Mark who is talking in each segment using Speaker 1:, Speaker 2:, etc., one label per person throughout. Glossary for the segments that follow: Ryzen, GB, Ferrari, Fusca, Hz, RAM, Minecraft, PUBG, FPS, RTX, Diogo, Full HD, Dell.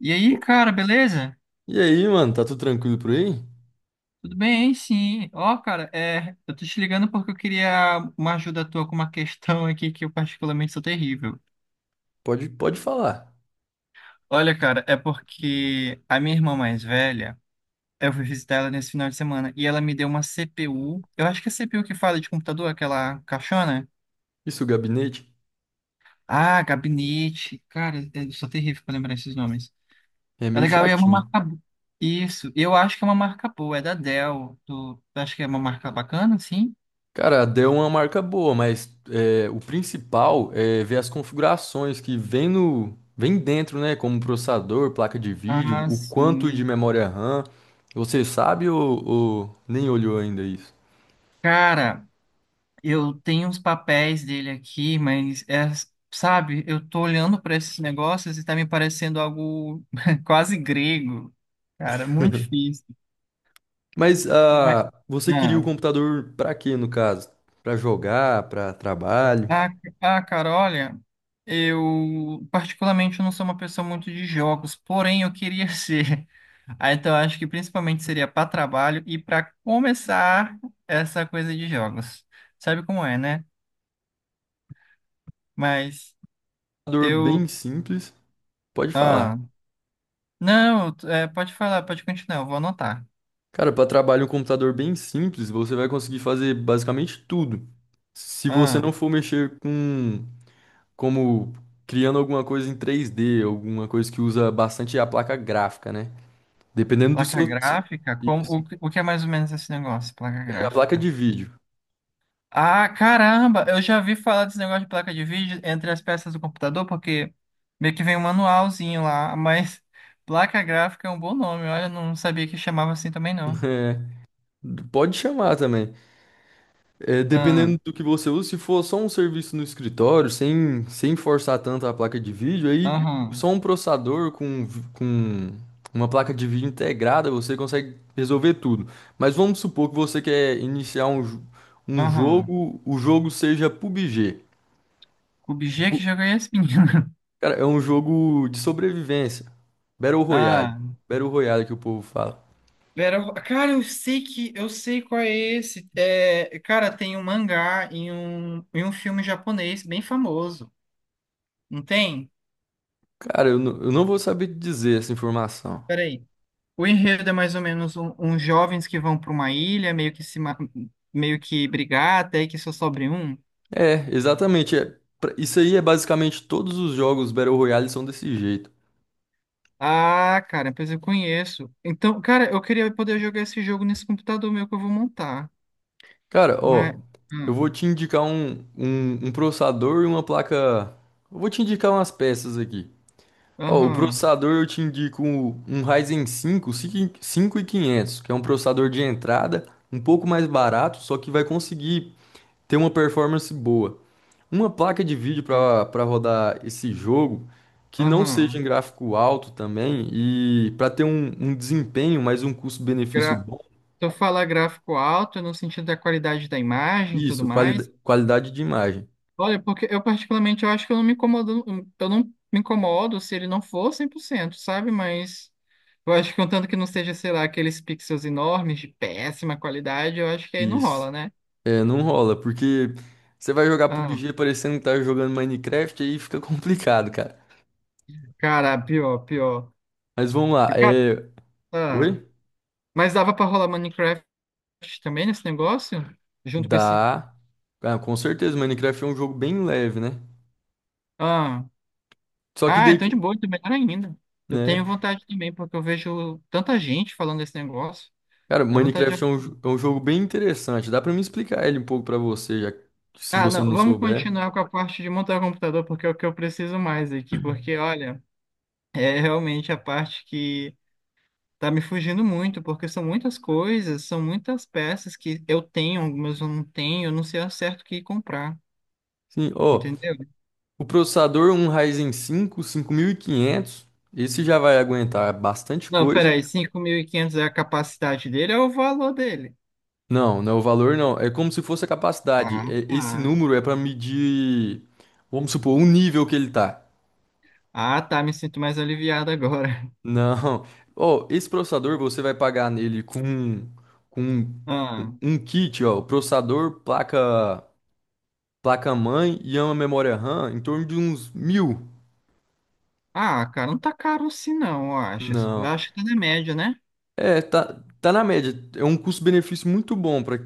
Speaker 1: E
Speaker 2: Pô,
Speaker 1: aí, cara, beleza?
Speaker 2: e aí, mano, tá tudo tranquilo por aí?
Speaker 1: Tudo bem, sim. Ó, cara, eu tô te ligando porque eu queria uma ajuda tua com uma questão aqui que eu particularmente sou terrível.
Speaker 2: Pode falar.
Speaker 1: Olha, cara, é porque a minha irmã mais velha, eu fui visitar ela nesse final de semana e ela me deu uma CPU. Eu acho que é CPU que fala de computador, aquela caixona.
Speaker 2: Isso, o gabinete
Speaker 1: Ah, gabinete. Cara, eu sou terrível pra lembrar esses nomes.
Speaker 2: é
Speaker 1: É
Speaker 2: meio
Speaker 1: legal, e é uma
Speaker 2: chatinho.
Speaker 1: marca. Isso, eu acho que é uma marca boa, é da Dell. Tu acha que é uma marca bacana, sim?
Speaker 2: Cara, a Dell é uma marca boa, mas é, o principal é ver as configurações que vem no, vem dentro, né? Como processador, placa de vídeo,
Speaker 1: Ah,
Speaker 2: o quanto de
Speaker 1: sim.
Speaker 2: memória RAM. Você sabe ou nem olhou ainda isso?
Speaker 1: Cara, eu tenho uns papéis dele aqui, mas sabe, eu tô olhando para esses negócios e tá me parecendo algo quase grego, cara, muito difícil.
Speaker 2: Mas
Speaker 1: Mas-
Speaker 2: você queria o
Speaker 1: ah,
Speaker 2: computador pra quê, no caso? Pra jogar, pra trabalho?
Speaker 1: ah, cara, olha, eu particularmente não sou uma pessoa muito de jogos, porém eu queria ser. Ah, então eu acho que principalmente seria para trabalho e para começar essa coisa de jogos. Sabe como é, né? Mas
Speaker 2: Computador bem
Speaker 1: eu.
Speaker 2: simples, pode falar.
Speaker 1: ah, Não, é, pode falar, pode continuar, eu vou anotar.
Speaker 2: Cara, para trabalhar um computador bem simples, você vai conseguir fazer basicamente tudo. Se você não
Speaker 1: Ah,
Speaker 2: for mexer com como criando alguma coisa em 3D alguma coisa que usa bastante a placa gráfica, né? Dependendo do
Speaker 1: placa
Speaker 2: seu.
Speaker 1: gráfica?
Speaker 2: Isso.
Speaker 1: O que é mais ou menos esse negócio, placa
Speaker 2: É a placa de
Speaker 1: gráfica?
Speaker 2: vídeo.
Speaker 1: Ah, caramba, eu já vi falar desse negócio de placa de vídeo entre as peças do computador, porque meio que vem um manualzinho lá, mas placa gráfica é um bom nome, olha, eu não sabia que chamava assim também não.
Speaker 2: É, pode chamar também. É,
Speaker 1: Ah,
Speaker 2: dependendo do que você usa, se for só um serviço no escritório, sem forçar tanto a placa de vídeo, aí só
Speaker 1: aham,
Speaker 2: um processador com uma placa de vídeo integrada você consegue resolver tudo. Mas vamos supor que você quer iniciar um
Speaker 1: aham.
Speaker 2: jogo, o jogo seja PUBG.
Speaker 1: Cube G,
Speaker 2: Pu-
Speaker 1: que jogo é esse, menino?
Speaker 2: Cara, é um jogo de sobrevivência. Battle Royale.
Speaker 1: Ah.
Speaker 2: Battle Royale que o povo fala.
Speaker 1: Vera, cara, eu sei que eu sei qual é esse. É, cara, tem um mangá e um filme japonês bem famoso. Não tem?
Speaker 2: Cara, eu não vou saber te dizer essa informação.
Speaker 1: Peraí. O enredo é mais ou menos uns jovens que vão para uma ilha, meio que se ma- meio que brigar, até que só sobre um.
Speaker 2: É, exatamente. É. Isso aí é basicamente todos os jogos Battle Royale são desse jeito.
Speaker 1: Ah, cara, pois eu conheço. Então, cara, eu queria poder jogar esse jogo nesse computador meu que eu vou montar.
Speaker 2: Cara,
Speaker 1: Mas.
Speaker 2: ó, eu vou
Speaker 1: hum,
Speaker 2: te indicar um processador e uma placa. Eu vou te indicar umas peças aqui. Ó, o
Speaker 1: Aham.
Speaker 2: processador eu te indico um Ryzen cinco, cinco mil e quinhentos, que é um processador de entrada, um pouco mais barato, só que vai conseguir ter uma performance boa. Uma placa de vídeo para rodar esse jogo que não seja em
Speaker 1: Aham.
Speaker 2: gráfico alto também e para ter um desempenho, mas um custo-benefício bom.
Speaker 1: Tu fala gráfico alto no sentido da qualidade da imagem e tudo
Speaker 2: Isso, quali
Speaker 1: mais.
Speaker 2: qualidade de imagem.
Speaker 1: Olha, porque eu particularmente eu acho que eu não me incomodo, eu não me incomodo se ele não for 100%, sabe? Mas eu acho que contanto que não seja, sei lá, aqueles pixels enormes de péssima qualidade, eu acho que aí não
Speaker 2: Isso.
Speaker 1: rola, né?
Speaker 2: É, não rola, porque você vai jogar
Speaker 1: Ah,
Speaker 2: PUBG parecendo que tá jogando Minecraft, aí fica complicado, cara.
Speaker 1: cara, pior, pior.
Speaker 2: Mas vamos lá.
Speaker 1: Cara,
Speaker 2: É.
Speaker 1: ah,
Speaker 2: Oi?
Speaker 1: mas dava pra rolar Minecraft também nesse negócio? Junto com esse.
Speaker 2: Dá. Ah, com certeza, Minecraft é um jogo bem leve, né?
Speaker 1: Ah.
Speaker 2: Só que
Speaker 1: Ah,
Speaker 2: daí,
Speaker 1: então de boa, então melhor ainda. Eu
Speaker 2: né?
Speaker 1: tenho vontade também, porque eu vejo tanta gente falando desse negócio.
Speaker 2: Cara,
Speaker 1: Dá vontade
Speaker 2: Minecraft é um,
Speaker 1: de.
Speaker 2: é um jogo bem interessante. Dá pra me explicar ele um pouco pra você, se
Speaker 1: Ah,
Speaker 2: você
Speaker 1: não,
Speaker 2: não
Speaker 1: vamos
Speaker 2: souber.
Speaker 1: continuar com a parte de montar o computador, porque é o que eu preciso mais aqui. Porque, olha, é realmente a parte que tá me fugindo muito, porque são muitas coisas, são muitas peças que eu tenho, algumas eu não tenho, eu não sei ao certo o que comprar,
Speaker 2: Sim, ó,
Speaker 1: entendeu?
Speaker 2: o processador um Ryzen cinco, 5500. Esse já vai aguentar bastante
Speaker 1: Não,
Speaker 2: coisa.
Speaker 1: peraí, 5.500 é a capacidade dele, é o valor dele.
Speaker 2: Não, não é o valor não, é como se fosse a capacidade.
Speaker 1: Ah,
Speaker 2: Esse
Speaker 1: tá.
Speaker 2: número é pra medir, vamos supor, o nível que ele tá.
Speaker 1: Ah, tá, me sinto mais aliviado agora.
Speaker 2: Não. Ó, esse processador você vai pagar nele com um,
Speaker 1: Ah.
Speaker 2: um kit, ó, processador, placa-mãe e uma memória RAM em torno de uns mil.
Speaker 1: Ah, cara, não tá caro assim não, eu acho. Eu
Speaker 2: Não.
Speaker 1: acho que tá na média, né?
Speaker 2: É, tá na média. É um custo-benefício muito bom para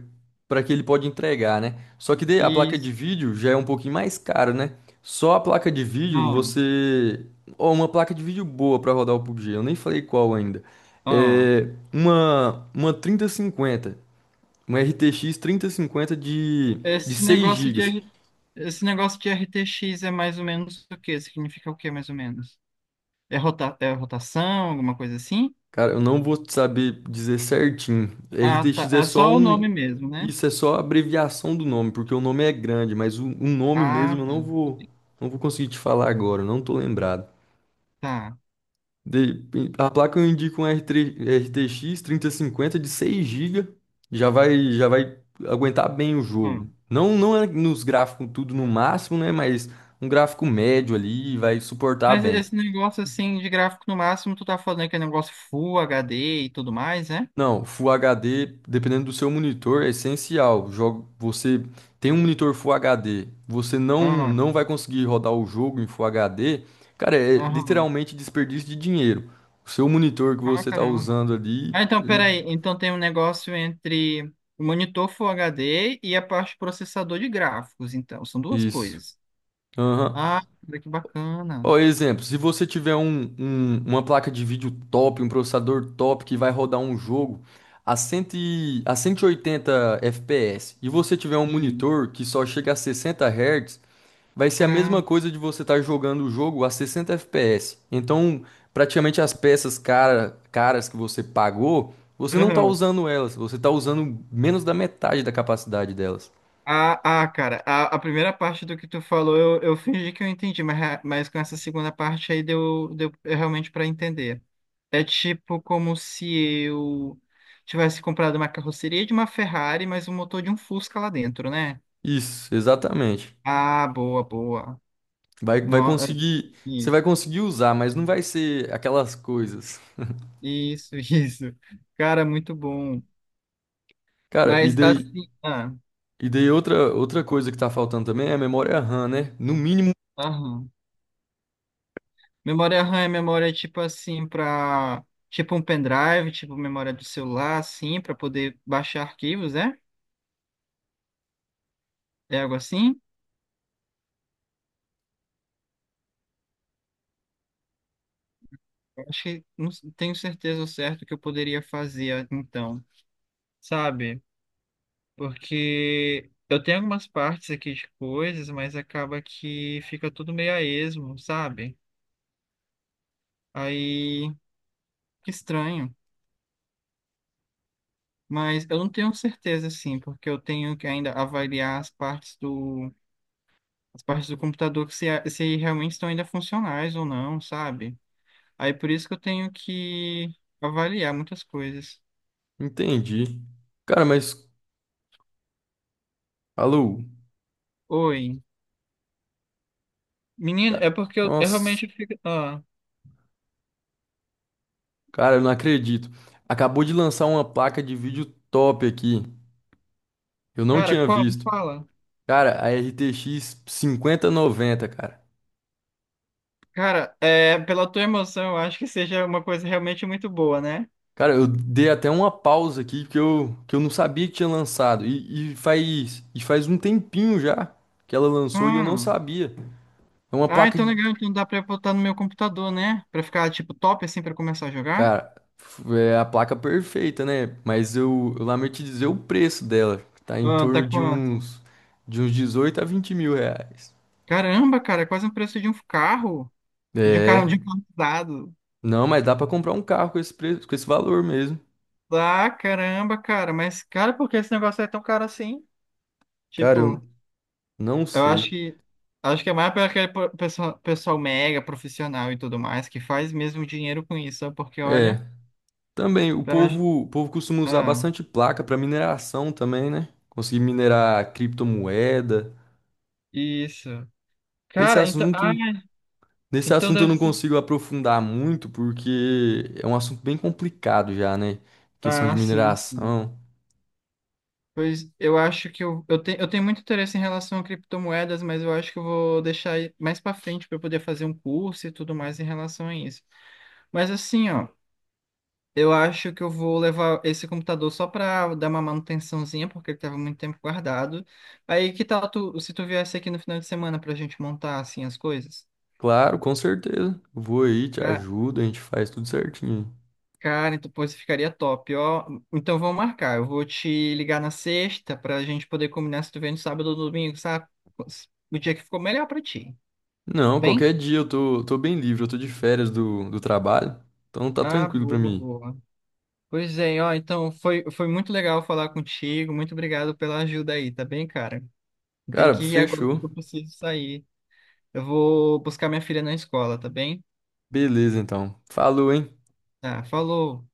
Speaker 2: para que ele pode entregar, né? Só que daí a
Speaker 1: E
Speaker 2: placa de vídeo já é um pouquinho mais caro, né? Só a placa de vídeo
Speaker 1: ah,
Speaker 2: você. Ó, uma placa de vídeo boa para rodar o PUBG, eu nem falei qual ainda.
Speaker 1: ah,
Speaker 2: É uma 3050, uma RTX cinquenta de
Speaker 1: esse
Speaker 2: 6
Speaker 1: negócio de
Speaker 2: gigas.
Speaker 1: R- esse negócio de RTX é mais ou menos o quê? Significa o quê, mais ou menos? É, rota, é rotação, alguma coisa assim?
Speaker 2: Cara, eu não vou saber dizer certinho.
Speaker 1: Ah, tá.
Speaker 2: RTX é
Speaker 1: É
Speaker 2: só
Speaker 1: só o
Speaker 2: um.
Speaker 1: nome mesmo, né?
Speaker 2: Isso é só a abreviação do nome, porque o nome é grande, mas o nome
Speaker 1: Ah,
Speaker 2: mesmo eu
Speaker 1: tá.
Speaker 2: não vou,
Speaker 1: Entendi.
Speaker 2: não vou conseguir te falar agora, eu não tô lembrado.
Speaker 1: Tá.
Speaker 2: De- a placa eu indico um R3 RTX 3050 de 6 GB, já vai aguentar bem o jogo.
Speaker 1: Hum.
Speaker 2: Não, não é nos gráficos tudo no máximo, né? Mas um gráfico médio ali vai suportar
Speaker 1: Mas
Speaker 2: bem.
Speaker 1: esse negócio assim de gráfico no máximo, tu tá falando que é negócio Full HD e tudo mais, né?
Speaker 2: Não, Full HD, dependendo do seu monitor, é essencial. Jogo, você tem um monitor Full HD, você não
Speaker 1: Ah,
Speaker 2: não vai conseguir rodar o jogo em Full HD, cara, é
Speaker 1: aham.
Speaker 2: literalmente desperdício de dinheiro. O seu monitor que
Speaker 1: Ah,
Speaker 2: você está
Speaker 1: caramba.
Speaker 2: usando ali,
Speaker 1: Ah, então, peraí. Então tem um negócio entre o monitor Full HD e a parte processador de gráficos, então. São duas
Speaker 2: isso.
Speaker 1: coisas.
Speaker 2: Aham.
Speaker 1: Ah, cara, que bacana.
Speaker 2: Ó, exemplo, se você tiver uma placa de vídeo top, um processador top que vai rodar um jogo a 100, a 180 FPS e você tiver um
Speaker 1: Sim,
Speaker 2: monitor que só chega a 60 Hz. Vai ser a mesma
Speaker 1: caramba.
Speaker 2: coisa de você estar jogando o jogo a 60 FPS. Então, praticamente as peças caras que você pagou, você não está
Speaker 1: Aham.
Speaker 2: usando elas, você está usando menos da metade da capacidade delas.
Speaker 1: Cara, a primeira parte do que tu falou eu fingi que eu entendi, mas, mas com essa segunda parte aí deu realmente para entender. É tipo como se eu tivesse comprado uma carroceria de uma Ferrari, mas o motor de um Fusca lá dentro, né?
Speaker 2: Isso, exatamente.
Speaker 1: Ah, boa, boa. No, é,
Speaker 2: Você vai
Speaker 1: isso,
Speaker 2: conseguir usar, mas não vai ser aquelas coisas.
Speaker 1: isso, isso. Cara, muito bom.
Speaker 2: Cara, e
Speaker 1: Mas
Speaker 2: daí,
Speaker 1: assim, ah,
Speaker 2: e daí outra coisa que tá faltando também é a memória RAM, né? No mínimo,
Speaker 1: aham. Memória RAM é memória tipo assim para tipo um pendrive, tipo memória do celular assim, para poder baixar arquivos, né? É algo assim? Eu acho que não s- tenho certeza ao certo que eu poderia fazer então, sabe? Porque eu tenho algumas partes aqui de coisas, mas acaba que fica tudo meio a esmo, sabe? Aí, que estranho. Mas eu não tenho certeza, assim, porque eu tenho que ainda avaliar as partes do computador que se realmente estão ainda funcionais ou não, sabe? Aí por isso que eu tenho que avaliar muitas coisas.
Speaker 2: entendi. Cara, mas, alô.
Speaker 1: Oi. Menino,
Speaker 2: Ca-
Speaker 1: é porque eu
Speaker 2: Nossa.
Speaker 1: realmente fico. Ah,
Speaker 2: Cara, eu não acredito. Acabou de lançar uma placa de vídeo top aqui. Eu não
Speaker 1: cara,
Speaker 2: tinha
Speaker 1: qual?
Speaker 2: visto.
Speaker 1: Fala.
Speaker 2: Cara, a RTX 5090, cara.
Speaker 1: Cara, é, pela tua emoção, eu acho que seja uma coisa realmente muito boa, né?
Speaker 2: Cara, eu dei até uma pausa aqui que eu não sabia que tinha lançado. E faz um tempinho já que ela lançou e eu não
Speaker 1: Hum.
Speaker 2: sabia. É uma
Speaker 1: Ah,
Speaker 2: placa
Speaker 1: então
Speaker 2: de.
Speaker 1: legal, então dá pra eu botar no meu computador, né? Pra ficar, tipo, top, assim, pra começar a jogar?
Speaker 2: Cara, é a placa perfeita, né? Mas eu lamento te dizer o preço dela. Tá em
Speaker 1: Ah, tá
Speaker 2: torno de
Speaker 1: quanto?
Speaker 2: uns, de uns 18 a 20 mil reais.
Speaker 1: Caramba, cara, é quase o preço de um carro,
Speaker 2: É.
Speaker 1: de um carro usado.
Speaker 2: Não, mas dá pra comprar um carro com esse preço, com esse valor mesmo.
Speaker 1: Ah, caramba, cara, mas cara, por que esse negócio é tão caro assim?
Speaker 2: Cara, eu
Speaker 1: Tipo,
Speaker 2: não
Speaker 1: eu
Speaker 2: sei.
Speaker 1: acho que é mais para aquele pessoal, pessoal mega profissional e tudo mais que faz mesmo dinheiro com isso, sabe? Porque
Speaker 2: É,
Speaker 1: olha,
Speaker 2: também o
Speaker 1: pra-
Speaker 2: povo, o povo costuma usar
Speaker 1: ah,
Speaker 2: bastante placa pra mineração também, né? Conseguir minerar criptomoeda.
Speaker 1: isso.
Speaker 2: Nesse
Speaker 1: Cara, então,
Speaker 2: assunto, nesse
Speaker 1: então
Speaker 2: assunto eu
Speaker 1: deve
Speaker 2: não
Speaker 1: ser.
Speaker 2: consigo aprofundar muito porque é um assunto bem complicado já, né? Questão de
Speaker 1: Ah, sim, sim.
Speaker 2: mineração.
Speaker 1: Pois eu acho que eu tenho muito interesse em relação a criptomoedas, mas eu acho que eu vou deixar aí mais para frente para poder fazer um curso e tudo mais em relação a isso. Mas assim, ó, eu acho que eu vou levar esse computador só para dar uma manutençãozinha, porque ele estava muito tempo guardado. Aí que tal tu, se tu viesse aqui no final de semana para a gente montar assim as coisas?
Speaker 2: Claro, com certeza. Vou aí, te ajudo, a gente faz tudo certinho.
Speaker 1: Cara, então, pô, isso ficaria top, ó. Então vamos marcar. Eu vou te ligar na sexta pra gente poder combinar se tu vem no sábado ou domingo, sabe? O dia que ficou melhor pra ti. Tudo
Speaker 2: Não,
Speaker 1: bem?
Speaker 2: qualquer dia eu tô bem livre, eu tô de férias do trabalho, então tá
Speaker 1: Ah,
Speaker 2: tranquilo pra
Speaker 1: boa,
Speaker 2: mim.
Speaker 1: boa. Pois é, ó. Então foi muito legal falar contigo. Muito obrigado pela ajuda aí, tá bem, cara? Tem
Speaker 2: Cara,
Speaker 1: que ir agora
Speaker 2: fechou.
Speaker 1: porque eu preciso sair. Eu vou buscar minha filha na escola, tá bem?
Speaker 2: Beleza, então. Falou, hein?
Speaker 1: Tá, falou.